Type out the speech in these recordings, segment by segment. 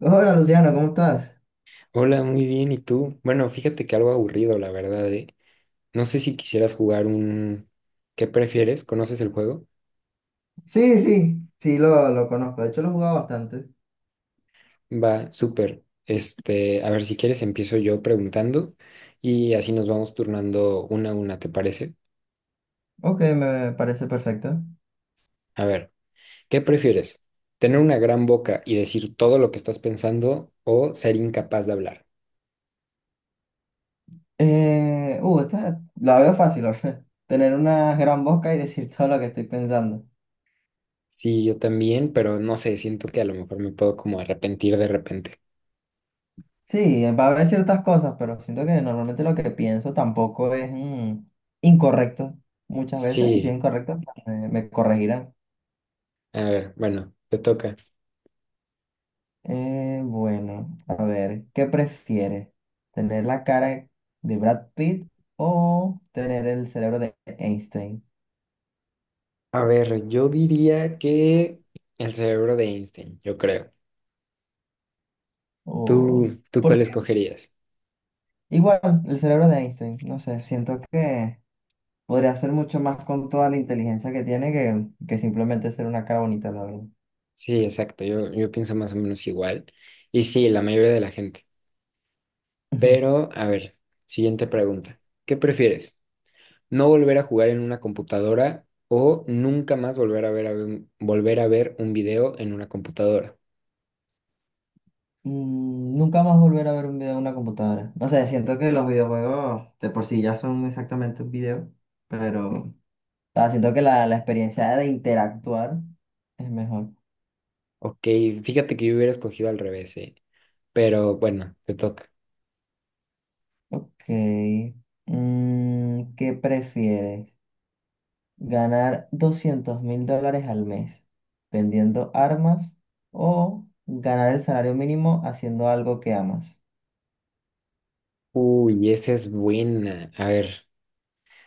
Hola Luciano, ¿cómo estás? Hola, muy bien. ¿Y tú? Bueno, fíjate que algo aburrido, la verdad, ¿eh? No sé si quisieras jugar un... ¿Qué prefieres? ¿Conoces el juego? Sí, sí, sí, lo conozco. De hecho, lo he jugado bastante. Va, súper. Este, a ver, si quieres empiezo yo preguntando y así nos vamos turnando una a una, ¿te parece? Ok, me parece perfecto. A ver, ¿qué prefieres? ¿Tener una gran boca y decir todo lo que estás pensando o ser incapaz de hablar? Esta la veo fácil, ¿verdad? Tener una gran boca y decir todo lo que estoy pensando. Sí, yo también, pero no sé, siento que a lo mejor me puedo como arrepentir de repente. Sí, va a haber ciertas cosas, pero siento que normalmente lo que pienso tampoco es incorrecto muchas veces, y si es Sí, incorrecto, pues, me corregirán. a ver, bueno, te toca. Bueno, a ver, ¿qué prefieres? ¿Tener la cara de Brad Pitt o tener el cerebro de Einstein? A ver, yo diría que el cerebro de Einstein, yo creo. O... ¿Tú ¿Por cuál qué? escogerías? Igual, el cerebro de Einstein, no sé, siento que podría hacer mucho más con toda la inteligencia que tiene que simplemente ser una cara bonita, la verdad. Sí, exacto, yo pienso más o menos igual. Y sí, la mayoría de la gente. Ujú. Pero, a ver, siguiente pregunta. ¿Qué prefieres? ¿No volver a jugar en una computadora o nunca más volver a ver un video en una computadora? Nunca más volver a ver un video en una computadora. No sé, siento que los videojuegos de por sí ya son exactamente un video, pero... Ah, siento que la experiencia de interactuar es mejor. Ok, fíjate que yo hubiera escogido al revés, ¿eh? Pero bueno, te toca. Ok. ¿Qué prefieres? ¿Ganar $200,000 al mes vendiendo armas o ganar el salario mínimo haciendo algo que amas? Uy, esa es buena. A ver,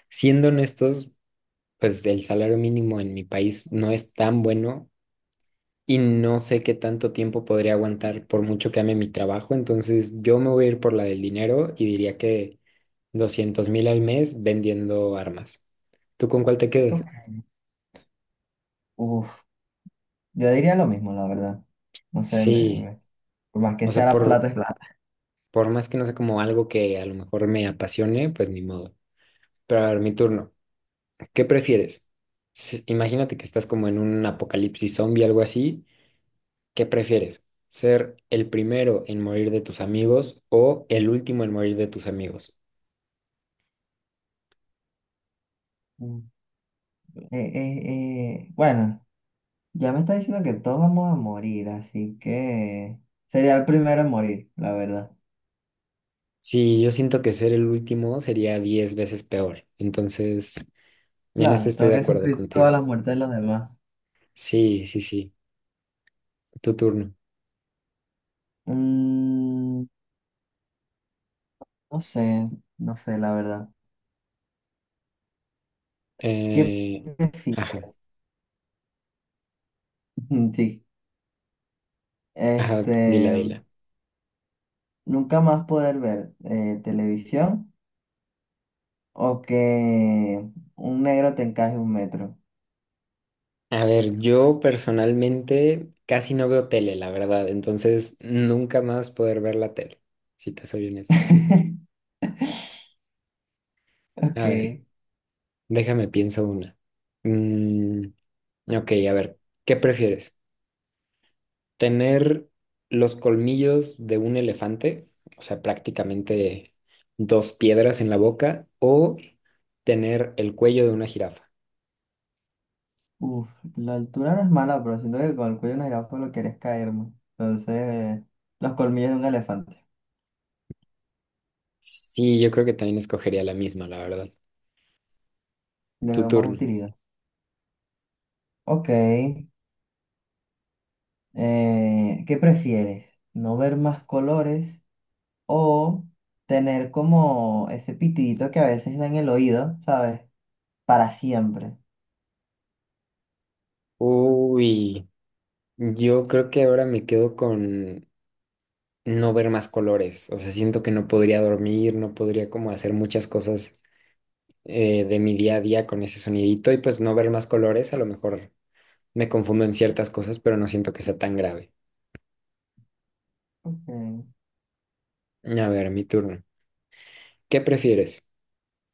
siendo honestos. Pues el salario mínimo en mi país no es tan bueno y no sé qué tanto tiempo podría aguantar por mucho que ame mi trabajo. Entonces yo me voy a ir por la del dinero y diría que 200.000 al mes vendiendo armas. ¿Tú con cuál te Ok. quedas? Uf, yo diría lo mismo, la verdad. No sé. me, Sí, me- por más que o sea sea, la por, plata es plata. por más que no sea como algo que a lo mejor me apasione, pues ni modo. Pero a ver, mi turno. ¿Qué prefieres? Imagínate que estás como en un apocalipsis zombie, algo así. ¿Qué prefieres? ¿Ser el primero en morir de tus amigos o el último en morir de tus amigos? Mm. Eh, eh, bueno, ya me está diciendo que todos vamos a morir, así que sería el primero en morir, la verdad. Sí, yo siento que ser el último sería 10 veces peor. Entonces, en esto Claro, estoy tengo de que acuerdo sufrir contigo. todas las muertes de los demás. Sí, sí, sí. Tu turno. Mm, no sé, no sé, la verdad. ¿Qué Eh, prefieres? ajá, Sí, ajá, este, dila, dila. nunca más poder ver televisión o que un negro te encaje un metro. A ver, yo personalmente casi no veo tele, la verdad. Entonces, nunca más poder ver la tele, si te soy honesto. Ok, A ver, déjame pienso una. Mm, ok, a ver, ¿qué prefieres? ¿Tener los colmillos de un elefante, o sea, prácticamente dos piedras en la boca, o tener el cuello de una jirafa? uf, la altura no es mala, pero siento que con el cuello de una jirafa lo quieres caerme. Entonces, los colmillos de un elefante. Sí, yo creo que también escogería la misma, la verdad. Le Tu veo más turno. utilidad. Ok. ¿Qué prefieres? ¿No ver más colores o tener como ese pitidito que a veces da en el oído, ¿sabes? Para siempre. Uy, yo creo que ahora me quedo con no ver más colores, o sea, siento que no podría dormir, no podría como hacer muchas cosas de mi día a día con ese sonidito y pues no ver más colores, a lo mejor me confundo en ciertas cosas, pero no siento que sea tan grave. Ok, A ver, mi turno. ¿Qué prefieres?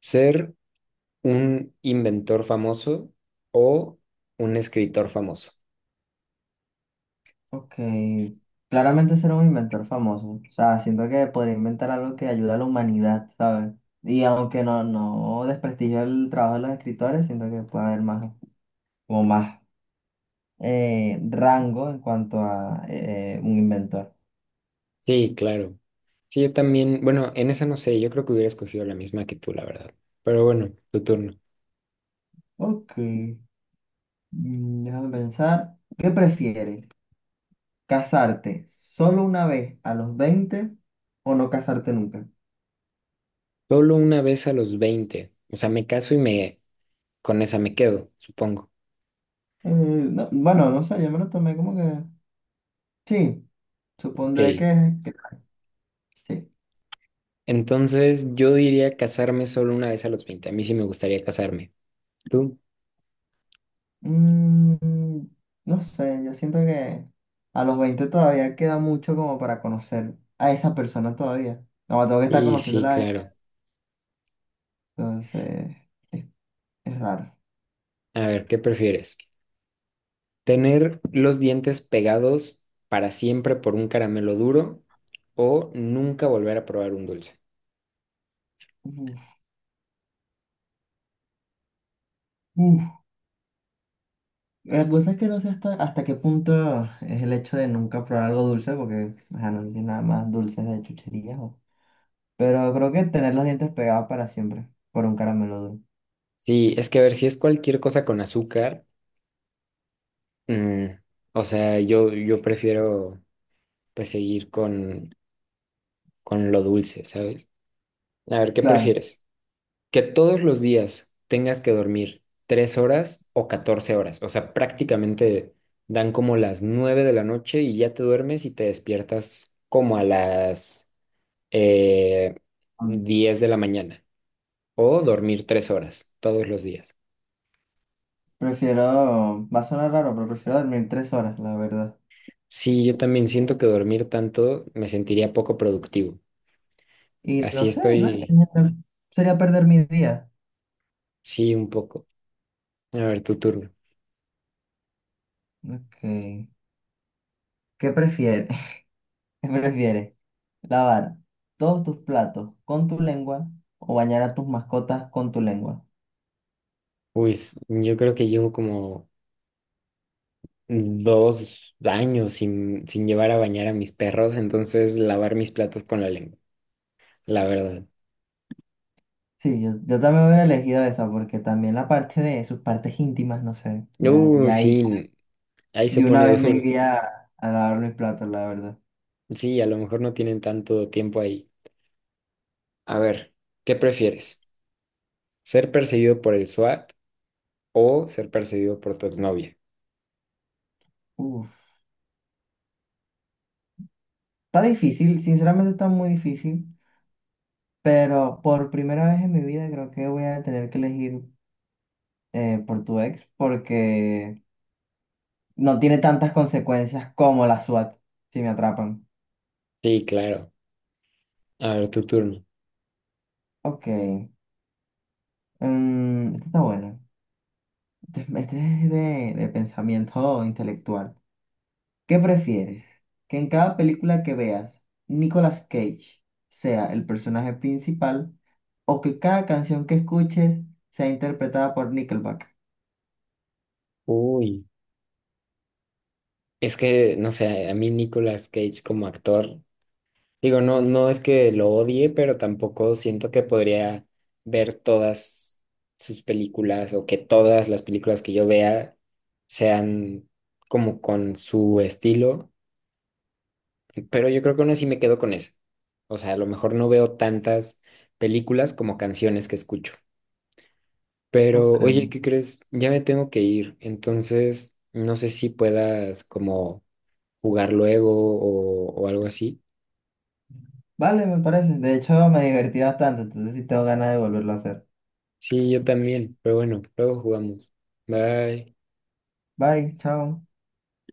¿Ser un inventor famoso o un escritor famoso? ok. Claramente ser un inventor famoso. O sea, siento que podría inventar algo que ayude a la humanidad, ¿sabes? Y aunque no, no desprestigio el trabajo de los escritores, siento que puede haber más, como más rango en cuanto a un inventor. Sí, claro. Sí, yo también, bueno, en esa no sé, yo creo que hubiera escogido la misma que tú, la verdad. Pero bueno, tu turno. Ok. Déjame pensar. ¿Qué prefieres? ¿Casarte solo una vez a los 20 o no casarte nunca? Solo una vez a los 20. O sea, me caso y me con esa me quedo, supongo. No, bueno, no sé, yo me lo tomé como que... Sí, supondré Ok. que sí. Entonces, yo diría casarme solo una vez a los veinte. A mí sí me gustaría casarme. ¿Tú? Mm, no sé, yo siento que a los 20 todavía queda mucho como para conocer a esa persona todavía. No, tengo que estar Y sí, conociéndola desde- claro. Entonces, es, es raro. A ver, ¿qué prefieres? ¿Tener los dientes pegados para siempre por un caramelo duro o nunca volver a probar un dulce? Uf, uf. La cosa es que no sé hasta qué punto es el hecho de nunca probar algo dulce, porque ajá, no sé si nada más dulces de chucherías. Pero creo que tener los dientes pegados para siempre, por un caramelo duro. Sí, es que a ver, si es cualquier cosa con azúcar, mm, o sea, yo prefiero pues seguir con lo dulce, ¿sabes? A ver, ¿qué Claro, prefieres? ¿Que todos los días tengas que dormir 3 horas o 14 horas? O sea, prácticamente dan como las 9 de la noche y ya te duermes y te despiertas como a las... eh, vamos. 10 de la mañana o dormir 3 horas todos los días. Prefiero, va a sonar raro, pero prefiero dormir 3 horas, la verdad. Sí, yo también siento que dormir tanto me sentiría poco productivo. Y no Así sé, ¿no? En estoy, general, sería perder mi día. sí, un poco. A ver, tu turno. Ok. ¿Qué prefieres? ¿Qué prefieres? ¿Lavar todos tus platos con tu lengua o bañar a tus mascotas con tu lengua? Uy, yo creo que llevo como 2 años sin llevar a bañar a mis perros, entonces lavar mis platos con la lengua, la verdad. Sí, yo también hubiera elegido esa porque también la parte de sus partes íntimas, no sé, ya, ya ahí Sí, ahí se de una pone vez me duro. iría a lavar mis platos, la verdad. Sí, a lo mejor no tienen tanto tiempo ahí. A ver, ¿qué prefieres? ¿Ser perseguido por el SWAT o ser perseguido por tu exnovia? Uf. Está difícil, sinceramente está muy difícil, pero por primera vez en mi vida creo que voy a tener que elegir por tu ex porque no tiene tantas consecuencias como la SWAT si me atrapan. Sí, claro. A ver, tu turno. Ok, este está bueno. Este es de pensamiento intelectual. ¿Qué prefieres? ¿Que en cada película que veas Nicolas Cage sea el personaje principal o que cada canción que escuches sea interpretada por Nickelback? Uy, es que, no sé, a mí Nicolas Cage como actor, digo, no, no es que lo odie, pero tampoco siento que podría ver todas sus películas o que todas las películas que yo vea sean como con su estilo, pero yo creo que aún así me quedo con eso. O sea, a lo mejor no veo tantas películas como canciones que escucho. Pero, Ok. oye, ¿qué crees? Ya me tengo que ir, entonces no sé si puedas como jugar luego o algo así. Vale, me parece. De hecho, me divertí bastante, entonces sí tengo ganas de volverlo a hacer. Sí, yo también, pero bueno, luego jugamos. Bye. Bye, chao.